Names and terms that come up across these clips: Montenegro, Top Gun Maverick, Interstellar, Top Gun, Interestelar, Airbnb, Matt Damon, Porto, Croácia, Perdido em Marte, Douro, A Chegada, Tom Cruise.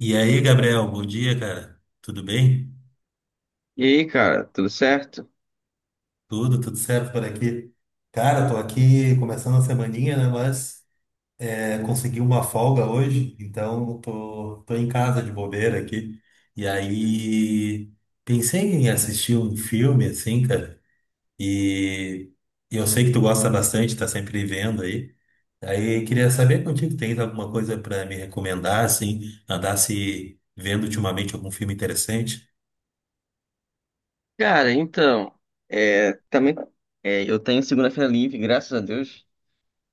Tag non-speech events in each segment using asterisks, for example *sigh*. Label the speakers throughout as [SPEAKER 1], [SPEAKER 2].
[SPEAKER 1] E aí, Gabriel, bom dia, cara. Tudo bem?
[SPEAKER 2] E aí, cara, tudo certo?
[SPEAKER 1] Tudo certo por aqui. Cara, tô aqui começando a semaninha, né? Mas é, consegui uma folga hoje, então tô em casa de bobeira aqui. E aí, pensei em assistir um filme, assim, cara. E, e eu sei que tu gosta bastante, tá sempre vendo aí. Aí queria saber contigo, tens alguma coisa para me recomendar, assim, andasse vendo ultimamente algum filme interessante?
[SPEAKER 2] Cara, então, também eu tenho segunda-feira livre, graças a Deus.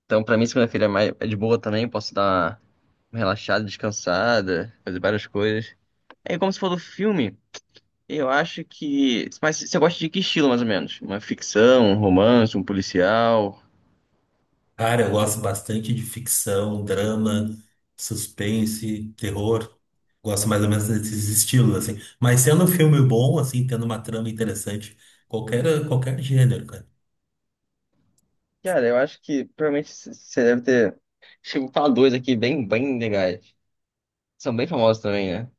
[SPEAKER 2] Então, pra mim, segunda-feira é de boa também, posso dar uma relaxada, descansada, fazer várias coisas. É como se for do filme, eu acho que. Mas você gosta de que estilo, mais ou menos? Uma ficção, um romance, um policial?
[SPEAKER 1] Cara, eu gosto bastante de ficção, drama, suspense, terror. Gosto mais ou menos desses estilos, assim. Mas sendo um filme bom, assim, tendo uma trama interessante, qualquer gênero, cara.
[SPEAKER 2] Cara, eu acho que você deve ter. Chegou a falar dois aqui bem legais. São bem famosos também, né?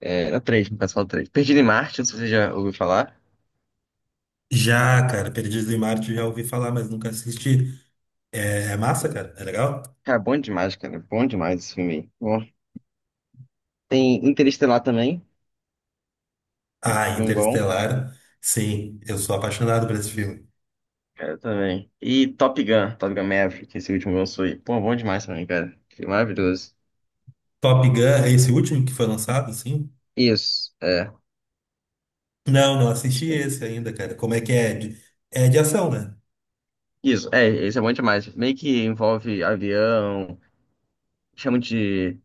[SPEAKER 2] É, na três, no caso, fala três. Perdido em Marte, não sei se você já ouviu falar.
[SPEAKER 1] Já, cara, Perdidos em Marte já ouvi falar, mas nunca assisti. É, é massa, cara? É legal?
[SPEAKER 2] Cara. Bom demais esse filme. Aí. Bom, tem Interestelar também.
[SPEAKER 1] Ah,
[SPEAKER 2] Filme bom.
[SPEAKER 1] Interestelar, sim, eu sou apaixonado por esse filme.
[SPEAKER 2] Cara, também. E Top Gun, Top Gun Maverick, esse último que lançou aí. Pô, bom demais também, cara. Que maravilhoso.
[SPEAKER 1] Top Gun, é esse último que foi lançado, sim?
[SPEAKER 2] Isso, é.
[SPEAKER 1] Não, não assisti esse ainda, cara. Como é que é? É de ação, né?
[SPEAKER 2] Isso, é, esse é bom demais. Meio que envolve avião, chama de.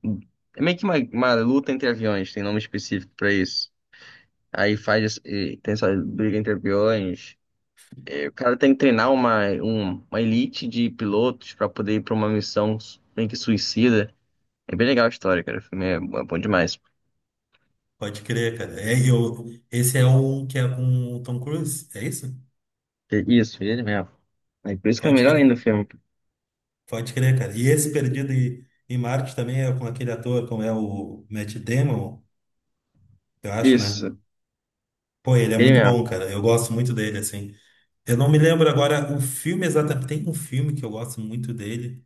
[SPEAKER 2] É meio que uma luta entre aviões, tem nome específico pra isso. Aí faz. Tem essa briga entre aviões. O cara tem que treinar uma elite de pilotos pra poder ir pra uma meio que suicida. É bem legal a história, cara. O filme é bom demais.
[SPEAKER 1] Pode crer, cara. É, eu, esse é o que é com o Tom Cruise, é isso?
[SPEAKER 2] É isso, ele mesmo. É por isso que é
[SPEAKER 1] Pode
[SPEAKER 2] melhor ainda
[SPEAKER 1] crer.
[SPEAKER 2] o filme.
[SPEAKER 1] Pode crer, cara. E esse Perdido em Marte também é com aquele ator, como é o Matt Damon, eu acho, né?
[SPEAKER 2] Isso,
[SPEAKER 1] Pô, ele é
[SPEAKER 2] ele
[SPEAKER 1] muito
[SPEAKER 2] mesmo.
[SPEAKER 1] bom, cara. Eu gosto muito dele, assim. Eu não me lembro agora o filme exatamente. Tem um filme que eu gosto muito dele.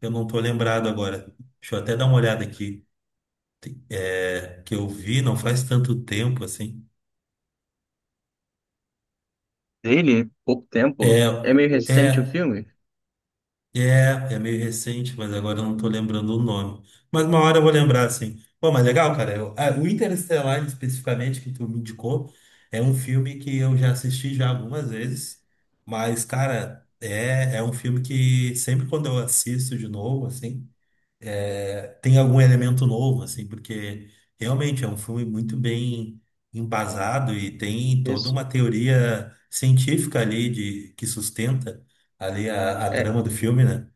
[SPEAKER 1] Eu não tô lembrado agora. Deixa eu até dar uma olhada aqui. É, que eu vi não faz tanto tempo, assim.
[SPEAKER 2] Dele pouco tempo.
[SPEAKER 1] É,
[SPEAKER 2] É meio recente o
[SPEAKER 1] é.
[SPEAKER 2] filme?
[SPEAKER 1] É, é meio recente, mas agora eu não tô lembrando o nome. Mas uma hora eu vou lembrar, assim. Pô, mas legal, cara. Ah, o Interestelar, especificamente, que tu me indicou, é um filme que eu já assisti já algumas vezes. Mas, cara, é, é um filme que sempre quando eu assisto de novo, assim, é, tem algum elemento novo, assim, porque realmente é um filme muito bem embasado e tem toda
[SPEAKER 2] Isso.
[SPEAKER 1] uma teoria científica ali de, que sustenta ali a
[SPEAKER 2] É,
[SPEAKER 1] trama do filme, né?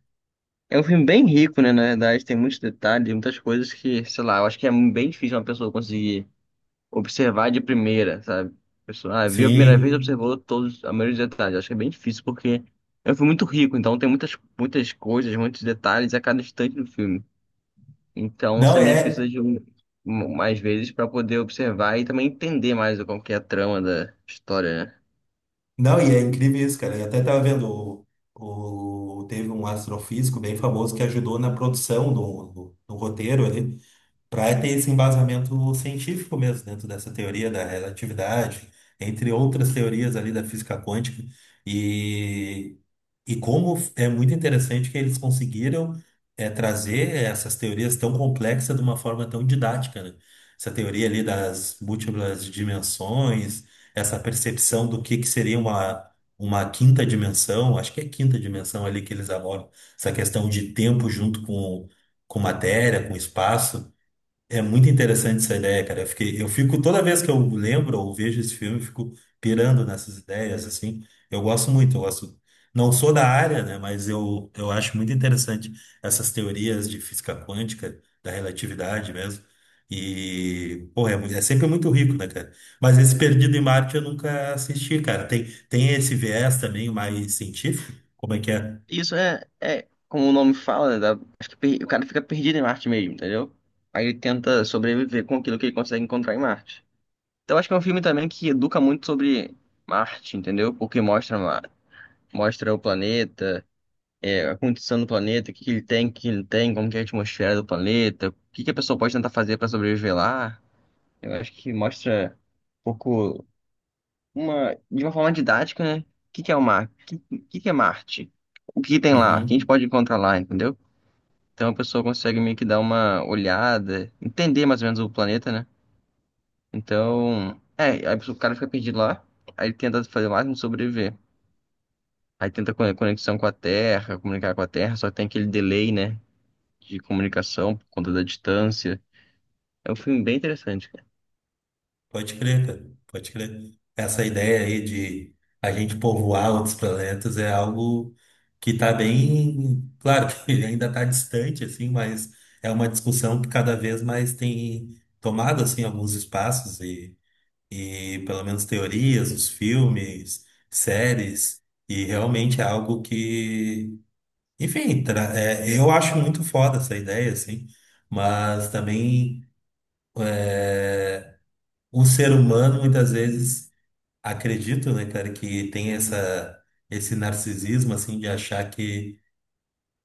[SPEAKER 2] é um filme bem rico, né? Na verdade, tem muitos detalhes, muitas coisas que, sei lá, eu acho que é bem difícil uma pessoa conseguir. Observar de primeira, sabe? A pessoa, ah, viu a primeira vez,
[SPEAKER 1] Sim.
[SPEAKER 2] observou todos, a maioria dos detalhes. Acho que é bem difícil porque é um filme muito rico, então tem muitas coisas, muitos detalhes a cada instante do filme. Então
[SPEAKER 1] Não
[SPEAKER 2] você meio que precisa
[SPEAKER 1] é.
[SPEAKER 2] de mais vezes para poder observar e também entender mais como que é a trama da história, né?
[SPEAKER 1] Não, e é incrível isso, cara. Eu até tava vendo teve um astrofísico bem famoso que ajudou na produção do roteiro ali, para ter esse embasamento científico mesmo dentro dessa teoria da relatividade, entre outras teorias ali da física quântica. E, e como é muito interessante que eles conseguiram é, trazer essas teorias tão complexas de uma forma tão didática, né? Essa teoria ali das múltiplas dimensões, essa percepção do que seria uma quinta dimensão, acho que é quinta dimensão ali que eles abordam, essa questão de tempo junto com matéria, com espaço. É muito interessante essa ideia, cara. Eu fiquei, eu fico toda vez que eu lembro ou vejo esse filme, eu fico pirando nessas ideias, assim. Eu gosto muito, eu gosto. Não sou da área, né? Mas eu acho muito interessante essas teorias de física quântica, da relatividade mesmo. E, pô, é, é sempre muito rico, né, cara? Mas esse Perdido em Marte eu nunca assisti, cara. Tem, tem esse viés também mais científico? Como é que é?
[SPEAKER 2] É como o nome fala, né, acho que o cara fica perdido em Marte mesmo, entendeu? Aí ele tenta sobreviver com aquilo que ele consegue encontrar em Marte. Então acho que é um filme também que educa muito sobre Marte, entendeu? Porque mostra o planeta, a condição do planeta, o que que ele tem, o que que ele não tem, como que é a atmosfera do planeta, o que que a pessoa pode tentar fazer para sobreviver lá. Eu acho que mostra um pouco, de uma forma didática, né? O que que é o que que é Marte? O que que tem lá? O que a gente
[SPEAKER 1] Uhum.
[SPEAKER 2] pode encontrar lá, entendeu? Então a pessoa consegue meio que dar uma olhada, entender mais ou menos o planeta, né? Então, é, aí o cara fica perdido lá, aí ele tenta fazer o máximo de sobreviver. Aí tenta conexão com a Terra, comunicar com a Terra, só que tem aquele delay, né, de comunicação por conta da distância. É um filme bem interessante, cara.
[SPEAKER 1] Pode crer, cara. Pode crer. Essa ideia aí de a gente povoar outros planetas é algo que está bem, claro que *laughs* ele ainda está distante, assim, mas é uma discussão que cada vez mais tem tomado, assim, alguns espaços e pelo menos teorias, os filmes, séries, e realmente é algo que, enfim, é, eu acho muito foda essa ideia, assim, mas também é, o ser humano muitas vezes acredito, né, cara, que tem essa, esse narcisismo, assim, de achar que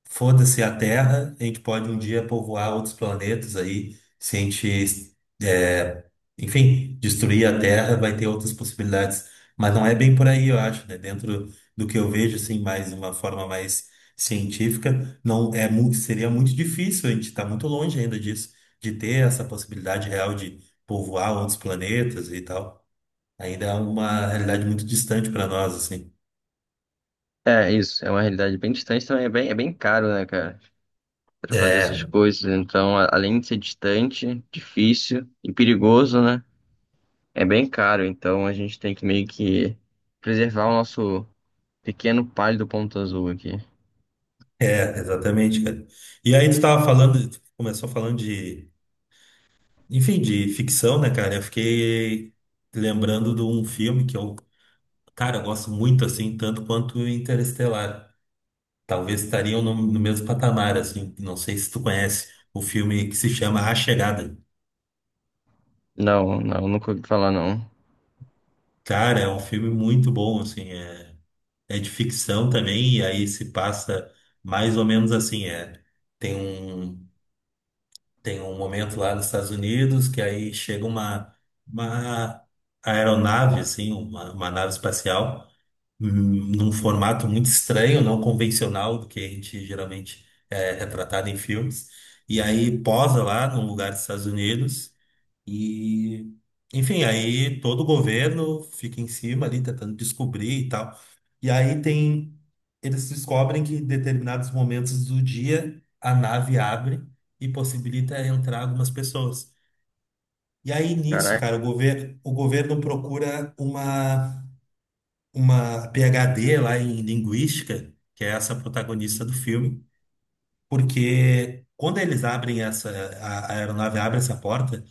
[SPEAKER 1] foda-se a Terra, a gente pode um dia povoar outros planetas aí, se a gente, é, enfim, destruir a Terra, vai ter outras possibilidades. Mas não é bem por aí, eu acho, né? Dentro do que eu vejo, assim, mais de uma forma mais científica, não é muito, seria muito difícil, a gente está muito longe ainda disso, de ter essa possibilidade real de povoar outros planetas e tal. Ainda é uma realidade muito distante para nós, assim.
[SPEAKER 2] É, isso, é uma realidade bem distante também, é bem caro, né, cara, pra fazer essas
[SPEAKER 1] É,
[SPEAKER 2] coisas. Então, além de ser distante, difícil e perigoso, né, é bem caro. Então, a gente tem que meio que preservar o nosso pequeno pálido ponto azul aqui.
[SPEAKER 1] é, exatamente, cara. E aí tu tava falando, tu começou falando de, enfim, de ficção, né, cara? Eu fiquei lembrando de um filme que eu, cara, eu gosto muito, assim, tanto quanto Interestelar. Talvez estariam no mesmo patamar, assim. Não sei se tu conhece o filme que se chama A Chegada.
[SPEAKER 2] Não, não, nunca ouvi falar, não.
[SPEAKER 1] Cara, é um filme muito bom, assim, é, é de ficção também, e aí se passa mais ou menos assim, é. Tem um Tem um momento lá nos Estados Unidos que aí chega uma aeronave, assim, uma nave espacial, hum, num formato muito estranho, não convencional do que a gente geralmente é retratado em filmes. E aí posa lá num lugar dos Estados Unidos. E, enfim, aí todo o governo fica em cima ali, tentando descobrir e tal. E aí tem, eles descobrem que em determinados momentos do dia a nave abre e possibilita entrar algumas pessoas. E aí nisso, cara, o
[SPEAKER 2] Caraca.
[SPEAKER 1] governo, o governo procura uma PhD lá em linguística, que é essa protagonista do filme, porque quando eles abrem essa, a aeronave abre essa porta,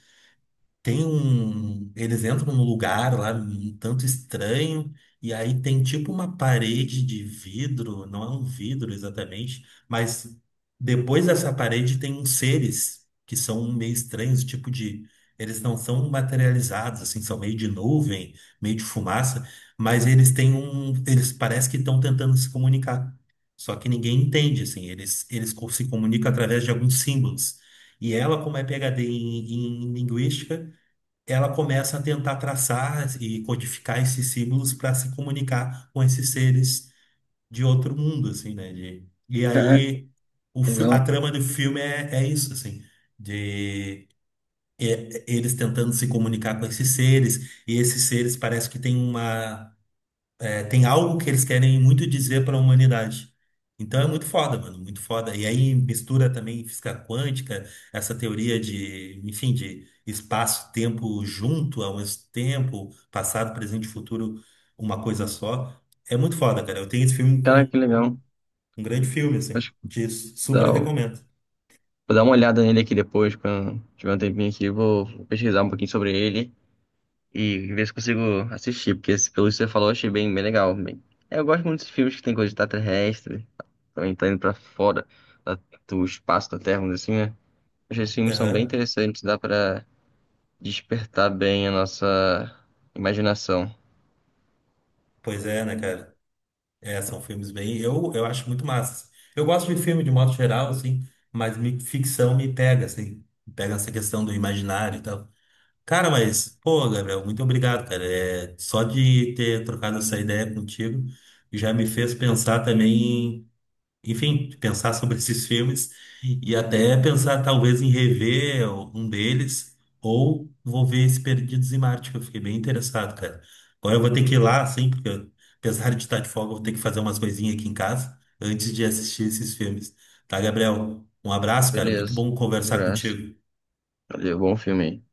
[SPEAKER 1] Tem um. Eles entram num lugar lá um tanto estranho, e aí tem tipo uma parede de vidro, não é um vidro exatamente, mas depois dessa parede tem uns seres que são meio estranhos, tipo de. Eles não são materializados, assim, são meio de nuvem, meio de fumaça, mas eles têm um. eles parecem que estão tentando se comunicar. Só que ninguém entende, assim, eles se comunicam através de alguns símbolos. E ela, como é PhD em linguística, ela começa a tentar traçar e codificar esses símbolos para se comunicar com esses seres de outro mundo, assim, né? De, e
[SPEAKER 2] Caraca,
[SPEAKER 1] aí a
[SPEAKER 2] legal.
[SPEAKER 1] trama do filme é, é isso, assim, de eles tentando se comunicar com esses seres, e esses seres parece que têm uma tem algo que eles querem muito dizer para a humanidade. Então é muito foda, mano, muito foda. E aí mistura também física quântica, essa teoria de, enfim, de espaço-tempo junto ao mesmo tempo, passado, presente e futuro, uma coisa só. É muito foda, cara. Eu tenho esse filme
[SPEAKER 2] Caraca, que legal.
[SPEAKER 1] como um grande filme, assim.
[SPEAKER 2] Acho que vou
[SPEAKER 1] Te
[SPEAKER 2] dar,
[SPEAKER 1] super
[SPEAKER 2] o-
[SPEAKER 1] recomendo.
[SPEAKER 2] vou dar uma olhada nele aqui depois, quando tiver um tempinho aqui, vou pesquisar um pouquinho sobre ele e ver se consigo assistir, porque pelo que você falou, eu achei bem legal. Bem, é, eu gosto muito desses filmes que tem coisa de extraterrestre, também tá indo pra fora da- do espaço da Terra, vamos dizer assim, né? Acho que esses filmes são bem
[SPEAKER 1] Aham.
[SPEAKER 2] interessantes, dá pra despertar bem a nossa imaginação.
[SPEAKER 1] Pois é, né, cara? É, são filmes bem. Eu acho muito massa, assim. Eu gosto de filme de modo geral, assim, mas ficção me pega, assim. Me pega essa questão do imaginário e tal. Cara, mas, pô, Gabriel, muito obrigado, cara. É, só de ter trocado essa ideia contigo já me fez pensar também, enfim, pensar sobre *laughs* esses filmes e até pensar talvez em rever um deles ou vou ver esse Perdidos em Marte, que eu fiquei bem interessado, cara. Agora eu vou ter que ir lá, assim, apesar de estar de folga, eu vou ter que fazer umas coisinhas aqui em casa antes de assistir esses filmes. Tá, Gabriel? Um abraço, cara. Muito
[SPEAKER 2] Beleza,
[SPEAKER 1] bom conversar
[SPEAKER 2] abraço.
[SPEAKER 1] contigo.
[SPEAKER 2] Valeu, bom filme aí.